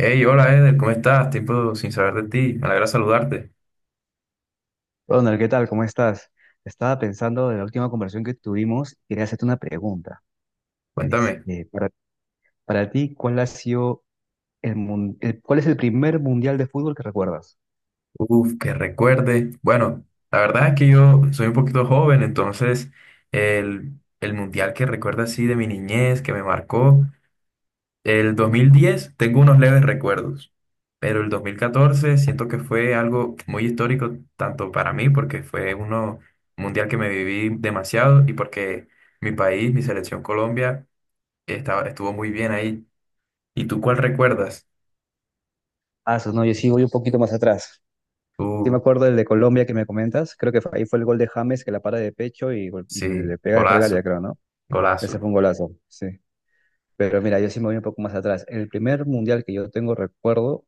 Hey, hola Eder, ¿cómo estás? Tiempo sin saber de ti, me alegra saludarte. Ronald, ¿qué tal? ¿Cómo estás? Estaba pensando en la última conversación que tuvimos y quería hacerte una pregunta. Cuéntame. Este, para, para ti, ¿cuál ha sido cuál es el primer mundial de fútbol que recuerdas? Uf, que recuerde. Bueno, la verdad es que yo soy un poquito joven, entonces el, el mundial que recuerda así de mi niñez, que me marcó, el 2010 tengo unos leves recuerdos, pero el 2014 siento que fue algo muy histórico, tanto para mí, porque fue uno mundial que me viví demasiado y porque mi país, mi selección Colombia, estuvo muy bien ahí. ¿Y tú cuál recuerdas? Ah, eso no, yo sí voy un poquito más atrás. Sí me Uh, acuerdo del de Colombia que me comentas. Creo que ahí fue el gol de James que la para de pecho y sí, le pega de fregalia, golazo, creo, ¿no? Ese golazo, fue un golazo, sí. Pero mira, yo sí me voy un poco más atrás. El primer mundial que yo tengo recuerdo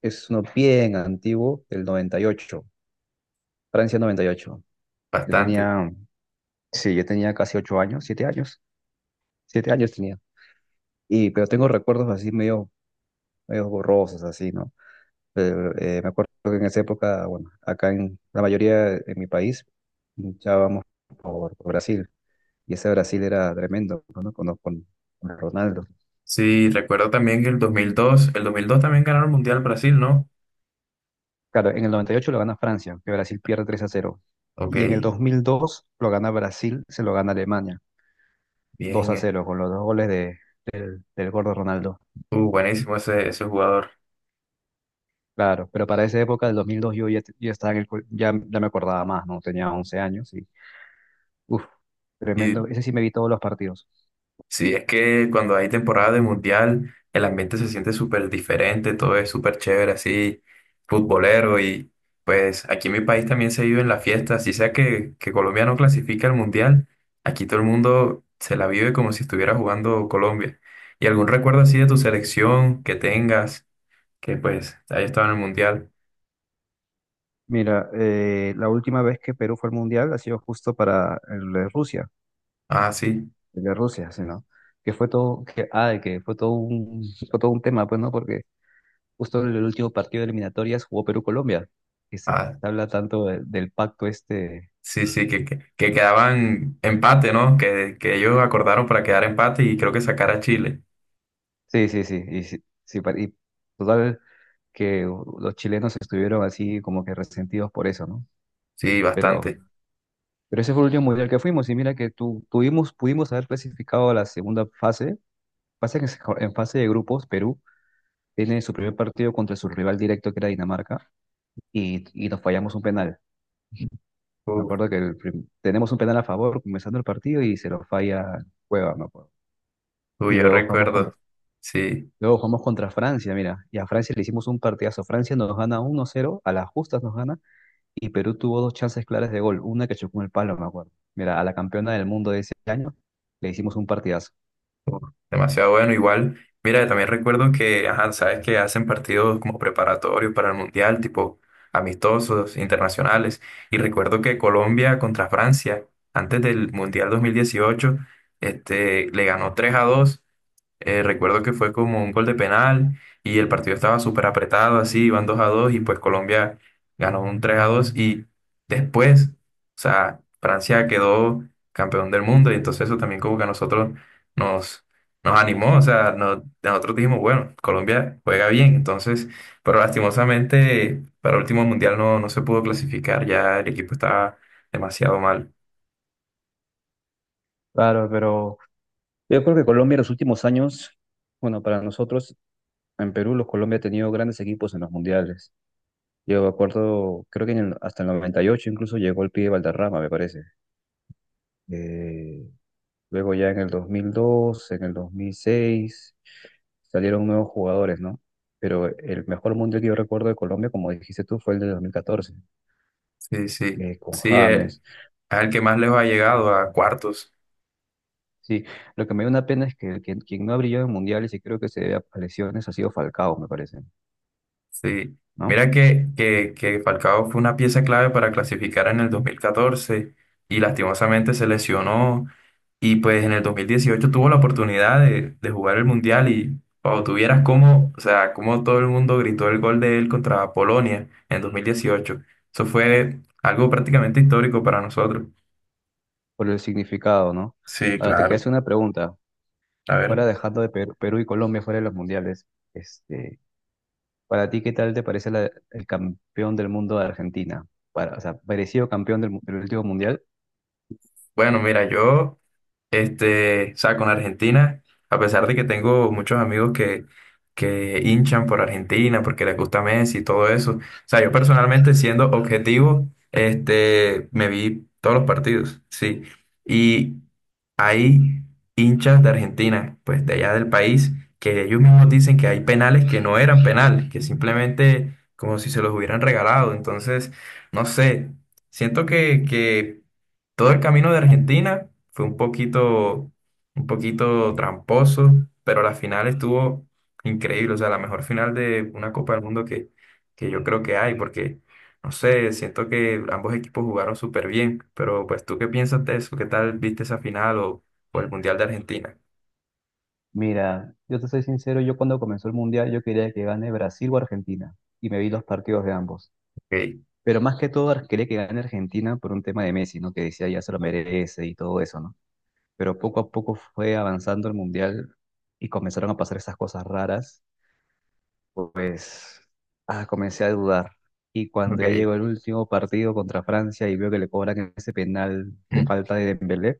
es uno bien antiguo, del 98. Francia 98. Yo bastante. tenía Sí, yo tenía casi 8 años, 7 años, 7 años tenía. Pero tengo recuerdos así medio borrosos, así, ¿no? Pero, me acuerdo que en esa época, bueno, acá en la mayoría en mi país, luchábamos por Brasil. Y ese Brasil era tremendo, ¿no? Con Ronaldo. Sí, recuerdo también que el 2002, el 2002 también ganaron el Mundial Brasil, ¿no? Claro, en el 98 lo gana Francia, que Brasil pierde 3-0. Ok, Y en el 2002 lo gana Brasil, se lo gana Alemania, 2 bien. a Eh. 0, con los dos goles del gordo Ronaldo. Buenísimo ese, ese jugador. Claro, pero para esa época del 2002 yo ya estaba en el, ya me acordaba más, ¿no? Tenía 11 años y, uff, Y tremendo. Ese sí me vi todos los partidos. sí, es que cuando hay temporada de mundial, el ambiente se siente súper diferente, todo es súper chévere, así, futbolero. Y pues aquí en mi país también se vive en la fiesta, así sea que Colombia no clasifica al mundial, aquí todo el mundo se la vive como si estuviera jugando Colombia. ¿Y algún recuerdo así de tu selección que tengas, que pues haya estado en el mundial? Mira, la última vez que Perú fue al Mundial ha sido justo para Ah, sí, el de Rusia, sí, ¿no? Que fue todo un tema, pues, ¿no? Porque justo en el último partido de eliminatorias jugó Perú-Colombia, y se ah, habla tanto del pacto este. sí, sí, que quedaban empate, ¿no? Que ellos acordaron para quedar empate y creo que sacar a Chile. Sí, sí, sí, y, sí, sí, y total. Que los chilenos estuvieron así como que resentidos por eso, ¿no? Sí, Pero, bastante. pero ese fue el último mundial que fuimos y mira que tuvimos, pudimos haber clasificado a la segunda fase. Pasa que en fase de grupos Perú tiene su primer partido contra su rival directo que era Dinamarca y nos fallamos un penal. Me Uf, acuerdo que tenemos un penal a favor comenzando el partido y se lo falla Cueva, me acuerdo. Y uy, yo recuerdo, sí, luego jugamos contra Francia, mira, y a Francia le hicimos un partidazo. Francia nos gana 1-0, a las justas nos gana. Y Perú tuvo dos chances claras de gol, una que chocó en el palo, me acuerdo. Mira, a la campeona del mundo de ese año le hicimos un partidazo. uf, demasiado bueno. Igual, mira, también recuerdo que, ajá, sabes que hacen partidos como preparatorios para el mundial, tipo amistosos, internacionales. Y recuerdo que Colombia contra Francia, antes del mundial 2018, le ganó 3 a dos. Recuerdo que fue como un gol de penal y el partido estaba súper apretado, así, iban 2 a 2 y pues Colombia ganó un 3 a 2 y después, o sea, Francia quedó campeón del mundo y entonces eso también como que a nosotros nos, nos animó, o sea, nosotros dijimos, bueno, Colombia juega bien, entonces, pero lastimosamente para el último mundial no, no se pudo clasificar, ya el equipo estaba demasiado mal. Claro, pero yo creo que Colombia en los últimos años, bueno, para nosotros en Perú, los Colombia ha tenido grandes equipos en los mundiales. Yo me acuerdo, creo que hasta el 98 incluso llegó el pibe Valderrama, me parece. Eh, Luego ya en el 2002 en el 2006 salieron nuevos jugadores, ¿no? Pero el mejor mundial que yo recuerdo de Colombia, como dijiste tú, fue el de 2014, Sí, sí, con sí, James. es el que más lejos ha llegado a cuartos. Sí, lo que me da una pena es que quien no ha brillado en mundiales y creo que se debe a lesiones ha sido Falcao, me parece, Sí, ¿no? mira que Falcao fue una pieza clave para clasificar en el 2014 y lastimosamente se lesionó y pues en el 2018 tuvo la oportunidad de jugar el Mundial y cuando tuvieras cómo, o sea, cómo todo el mundo gritó el gol de él contra Polonia en 2018. Eso fue algo prácticamente histórico para nosotros. Por el significado, ¿no? Sí, Ahora te quería claro. hacer una pregunta. A ver. Fuera dejando de Perú y Colombia fuera de los mundiales, este, para ti, ¿qué tal te parece el campeón del mundo de Argentina? Para, o sea, parecido campeón del último mundial. Bueno, mira, yo. Este, o sea, con Argentina, a pesar de que tengo muchos amigos que hinchan por Argentina porque les gusta Messi y todo eso, o sea, yo personalmente siendo objetivo, me vi todos los partidos, sí. Y hay hinchas de Argentina, pues de allá del país, que ellos mismos dicen que hay penales que no eran penales, que simplemente como si se los hubieran regalado. Entonces, no sé, siento que todo el camino de Argentina fue un poquito tramposo, pero la final estuvo increíble, o sea, la mejor final de una Copa del Mundo que yo creo que hay, porque, no sé, siento que ambos equipos jugaron súper bien, pero pues tú qué piensas de eso, qué tal viste esa final o el Mundial de Argentina. Mira, yo te soy sincero, yo cuando comenzó el mundial yo quería que gane Brasil o Argentina y me vi los partidos de ambos. Ok, Pero más que todo quería que gane Argentina por un tema de Messi, ¿no? Que decía ya se lo merece y todo eso, ¿no? Pero poco a poco fue avanzando el Mundial y comenzaron a pasar esas cosas raras, pues, comencé a dudar. Y cuando ya ok, llegó el último partido contra Francia y veo que le cobran ese penal de mm, falta de Dembélé,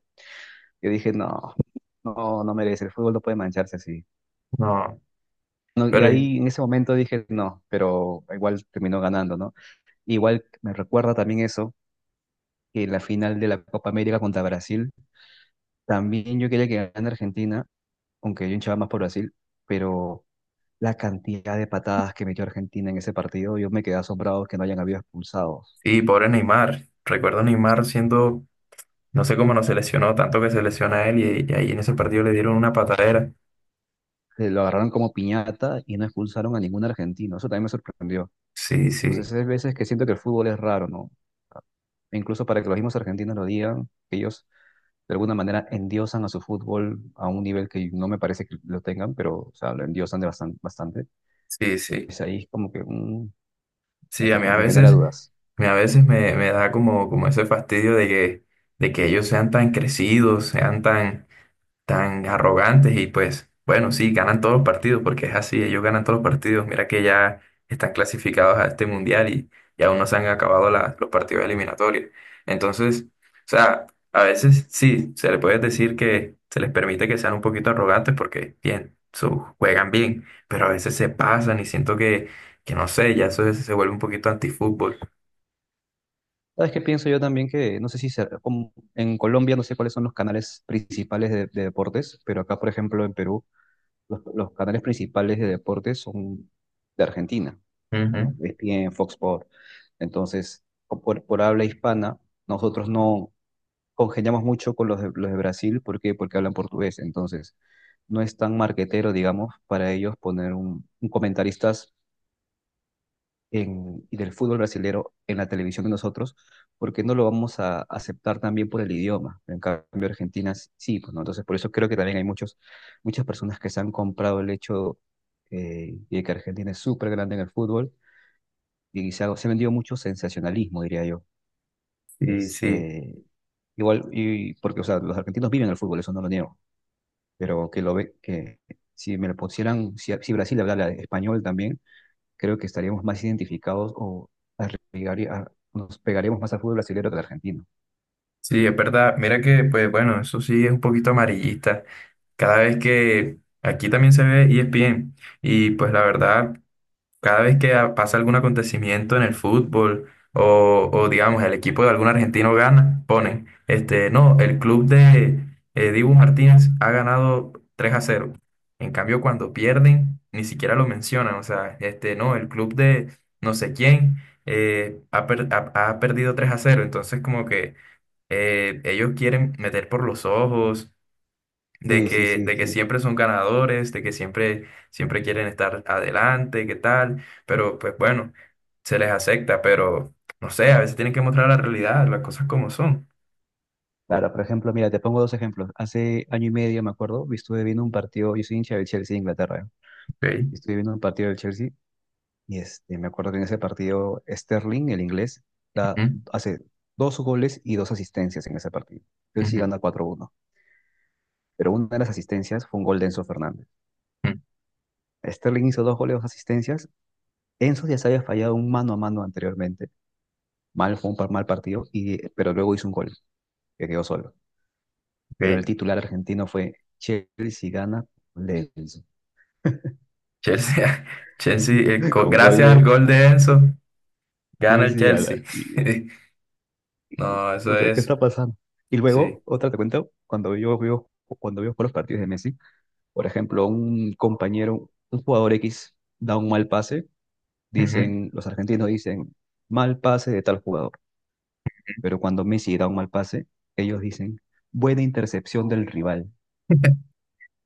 yo dije, no, no, no merece, el fútbol no puede mancharse así. no, No, y pero ahí en ese momento dije, no, pero igual terminó ganando, ¿no? Igual me recuerda también eso que la final de la Copa América contra Brasil. También yo quería que ganara Argentina, aunque yo hinchaba más por Brasil, pero la cantidad de patadas que metió Argentina en ese partido, yo me quedé asombrado que no hayan habido expulsados. sí, pobre Neymar, recuerdo a Neymar siendo, no sé cómo no se lesionó, tanto que se lesiona él y ahí en ese partido le dieron una patadera. Se lo agarraron como piñata y no expulsaron a ningún argentino. Eso también me sorprendió. Sí, sí. Entonces, hay veces que siento que el fútbol es raro, ¿no? E incluso para que los mismos argentinos lo digan, que ellos de alguna manera endiosan a su fútbol a un nivel que no me parece que lo tengan, pero o sea, lo endiosan de bastante. Sí, sí. Es ahí como que Sí, a mí este a me genera veces, dudas. a mí a veces me, me da como, como ese fastidio de que ellos sean tan crecidos, sean tan tan arrogantes y pues bueno, sí, ganan todos los partidos porque es así, ellos ganan todos los partidos. Mira que ya están clasificados a este mundial y aún no se han acabado los partidos eliminatorios. Entonces, o sea, a veces sí, se le puede decir que se les permite que sean un poquito arrogantes porque bien, juegan bien, pero a veces se pasan y siento que no sé, se vuelve un poquito antifútbol. ¿Sabes qué pienso yo también? Que no sé si se- como en Colombia no sé cuáles son los canales principales de deportes, pero acá, por ejemplo, en Perú, los canales principales de deportes son de Argentina. Bueno, Ujú, ESPN, Fox Sports. Entonces, por habla hispana, nosotros no congeniamos mucho con los de Brasil. ¿Por qué? Porque hablan portugués. Entonces, no es tan marquetero, digamos, para ellos poner un comentarista y del fútbol brasilero en la televisión de nosotros, porque no lo vamos a aceptar también por el idioma. En cambio, Argentina sí, pues, ¿no? Entonces, por eso creo que también hay muchas personas que se han comprado el hecho, de que Argentina es súper grande en el fútbol y se ha vendido mucho sensacionalismo, diría yo. Y sí, sí, igual, y porque, o sea, los argentinos viven el fútbol, eso no lo niego, pero que lo ve, que si me lo pusieran, si Brasil hablara español también creo que estaríamos más identificados o nos pegaríamos más al fútbol brasileño que al argentino. sí, es verdad. Mira que, pues bueno, eso sí es un poquito amarillista. Cada vez que aquí también se ve ESPN y pues la verdad, cada vez que pasa algún acontecimiento en el fútbol o, digamos el equipo de algún argentino gana, ponen, este, no, el club de Dibu Martínez ha ganado 3 a cero. En cambio, cuando pierden, ni siquiera lo mencionan, o sea, este, no, el club de no sé quién ha perdido 3 a cero, entonces como que ellos quieren meter por los ojos de Sí, sí, sí, de que sí. siempre son ganadores, de que siempre, siempre quieren estar adelante, qué tal, pero pues bueno, se les acepta, pero no sé, a veces tienen que mostrar la realidad, las cosas como son. Claro, por ejemplo, mira, te pongo dos ejemplos. Hace año y medio, me acuerdo, estuve viendo un partido, yo soy hincha del Chelsea de Inglaterra, Okay. y estuve viendo un partido del Chelsea y me acuerdo que en ese partido Sterling, el inglés, da- Ujú, hace dos goles y dos asistencias en ese partido. Chelsea ujú, gana 4-1, pero una de las asistencias fue un gol de Enzo Fernández. ujú, Sterling hizo dos goles, dos asistencias. Enzo ya se había fallado un mano a mano anteriormente mal, fue un mal partido, pero luego hizo un gol, que quedó solo. Pero el ok. titular argentino fue Chelsea gana con gol de Enzo. Chelsea, Chelsea, Con gol gracias al de gol de Enzo, gana el Chelsea gana. Chelsea. Y No, no eso sé qué es, está pasando. Y sí. luego, otra te cuento, cuando veo por los partidos de Messi, por ejemplo, un compañero, un jugador X da un mal pase, Ujú. Los argentinos dicen, mal pase de tal jugador. Pero cuando Messi da un mal pase, ellos dicen, buena intercepción del rival.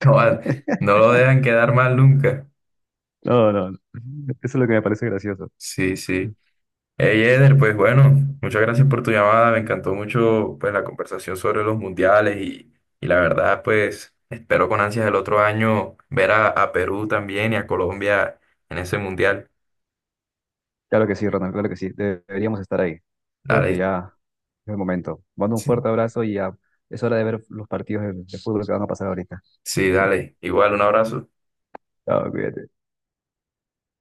No, no lo dejan quedar mal nunca. No, no, no. Eso es lo que me parece gracioso. Sí, sí. Hey Eder, pues bueno, muchas gracias por tu llamada. Me encantó mucho pues la conversación sobre los mundiales y la verdad pues espero con ansias el otro año ver a Perú también y a Colombia en ese mundial. Claro que sí, Ronald, claro que sí. Deberíamos estar ahí. Creo que Dale, ya es el momento. Mando un sí. fuerte abrazo y ya es hora de ver los partidos de fútbol que van a pasar ahorita. Sí, dale. Igual, un abrazo. Chao, cuídate.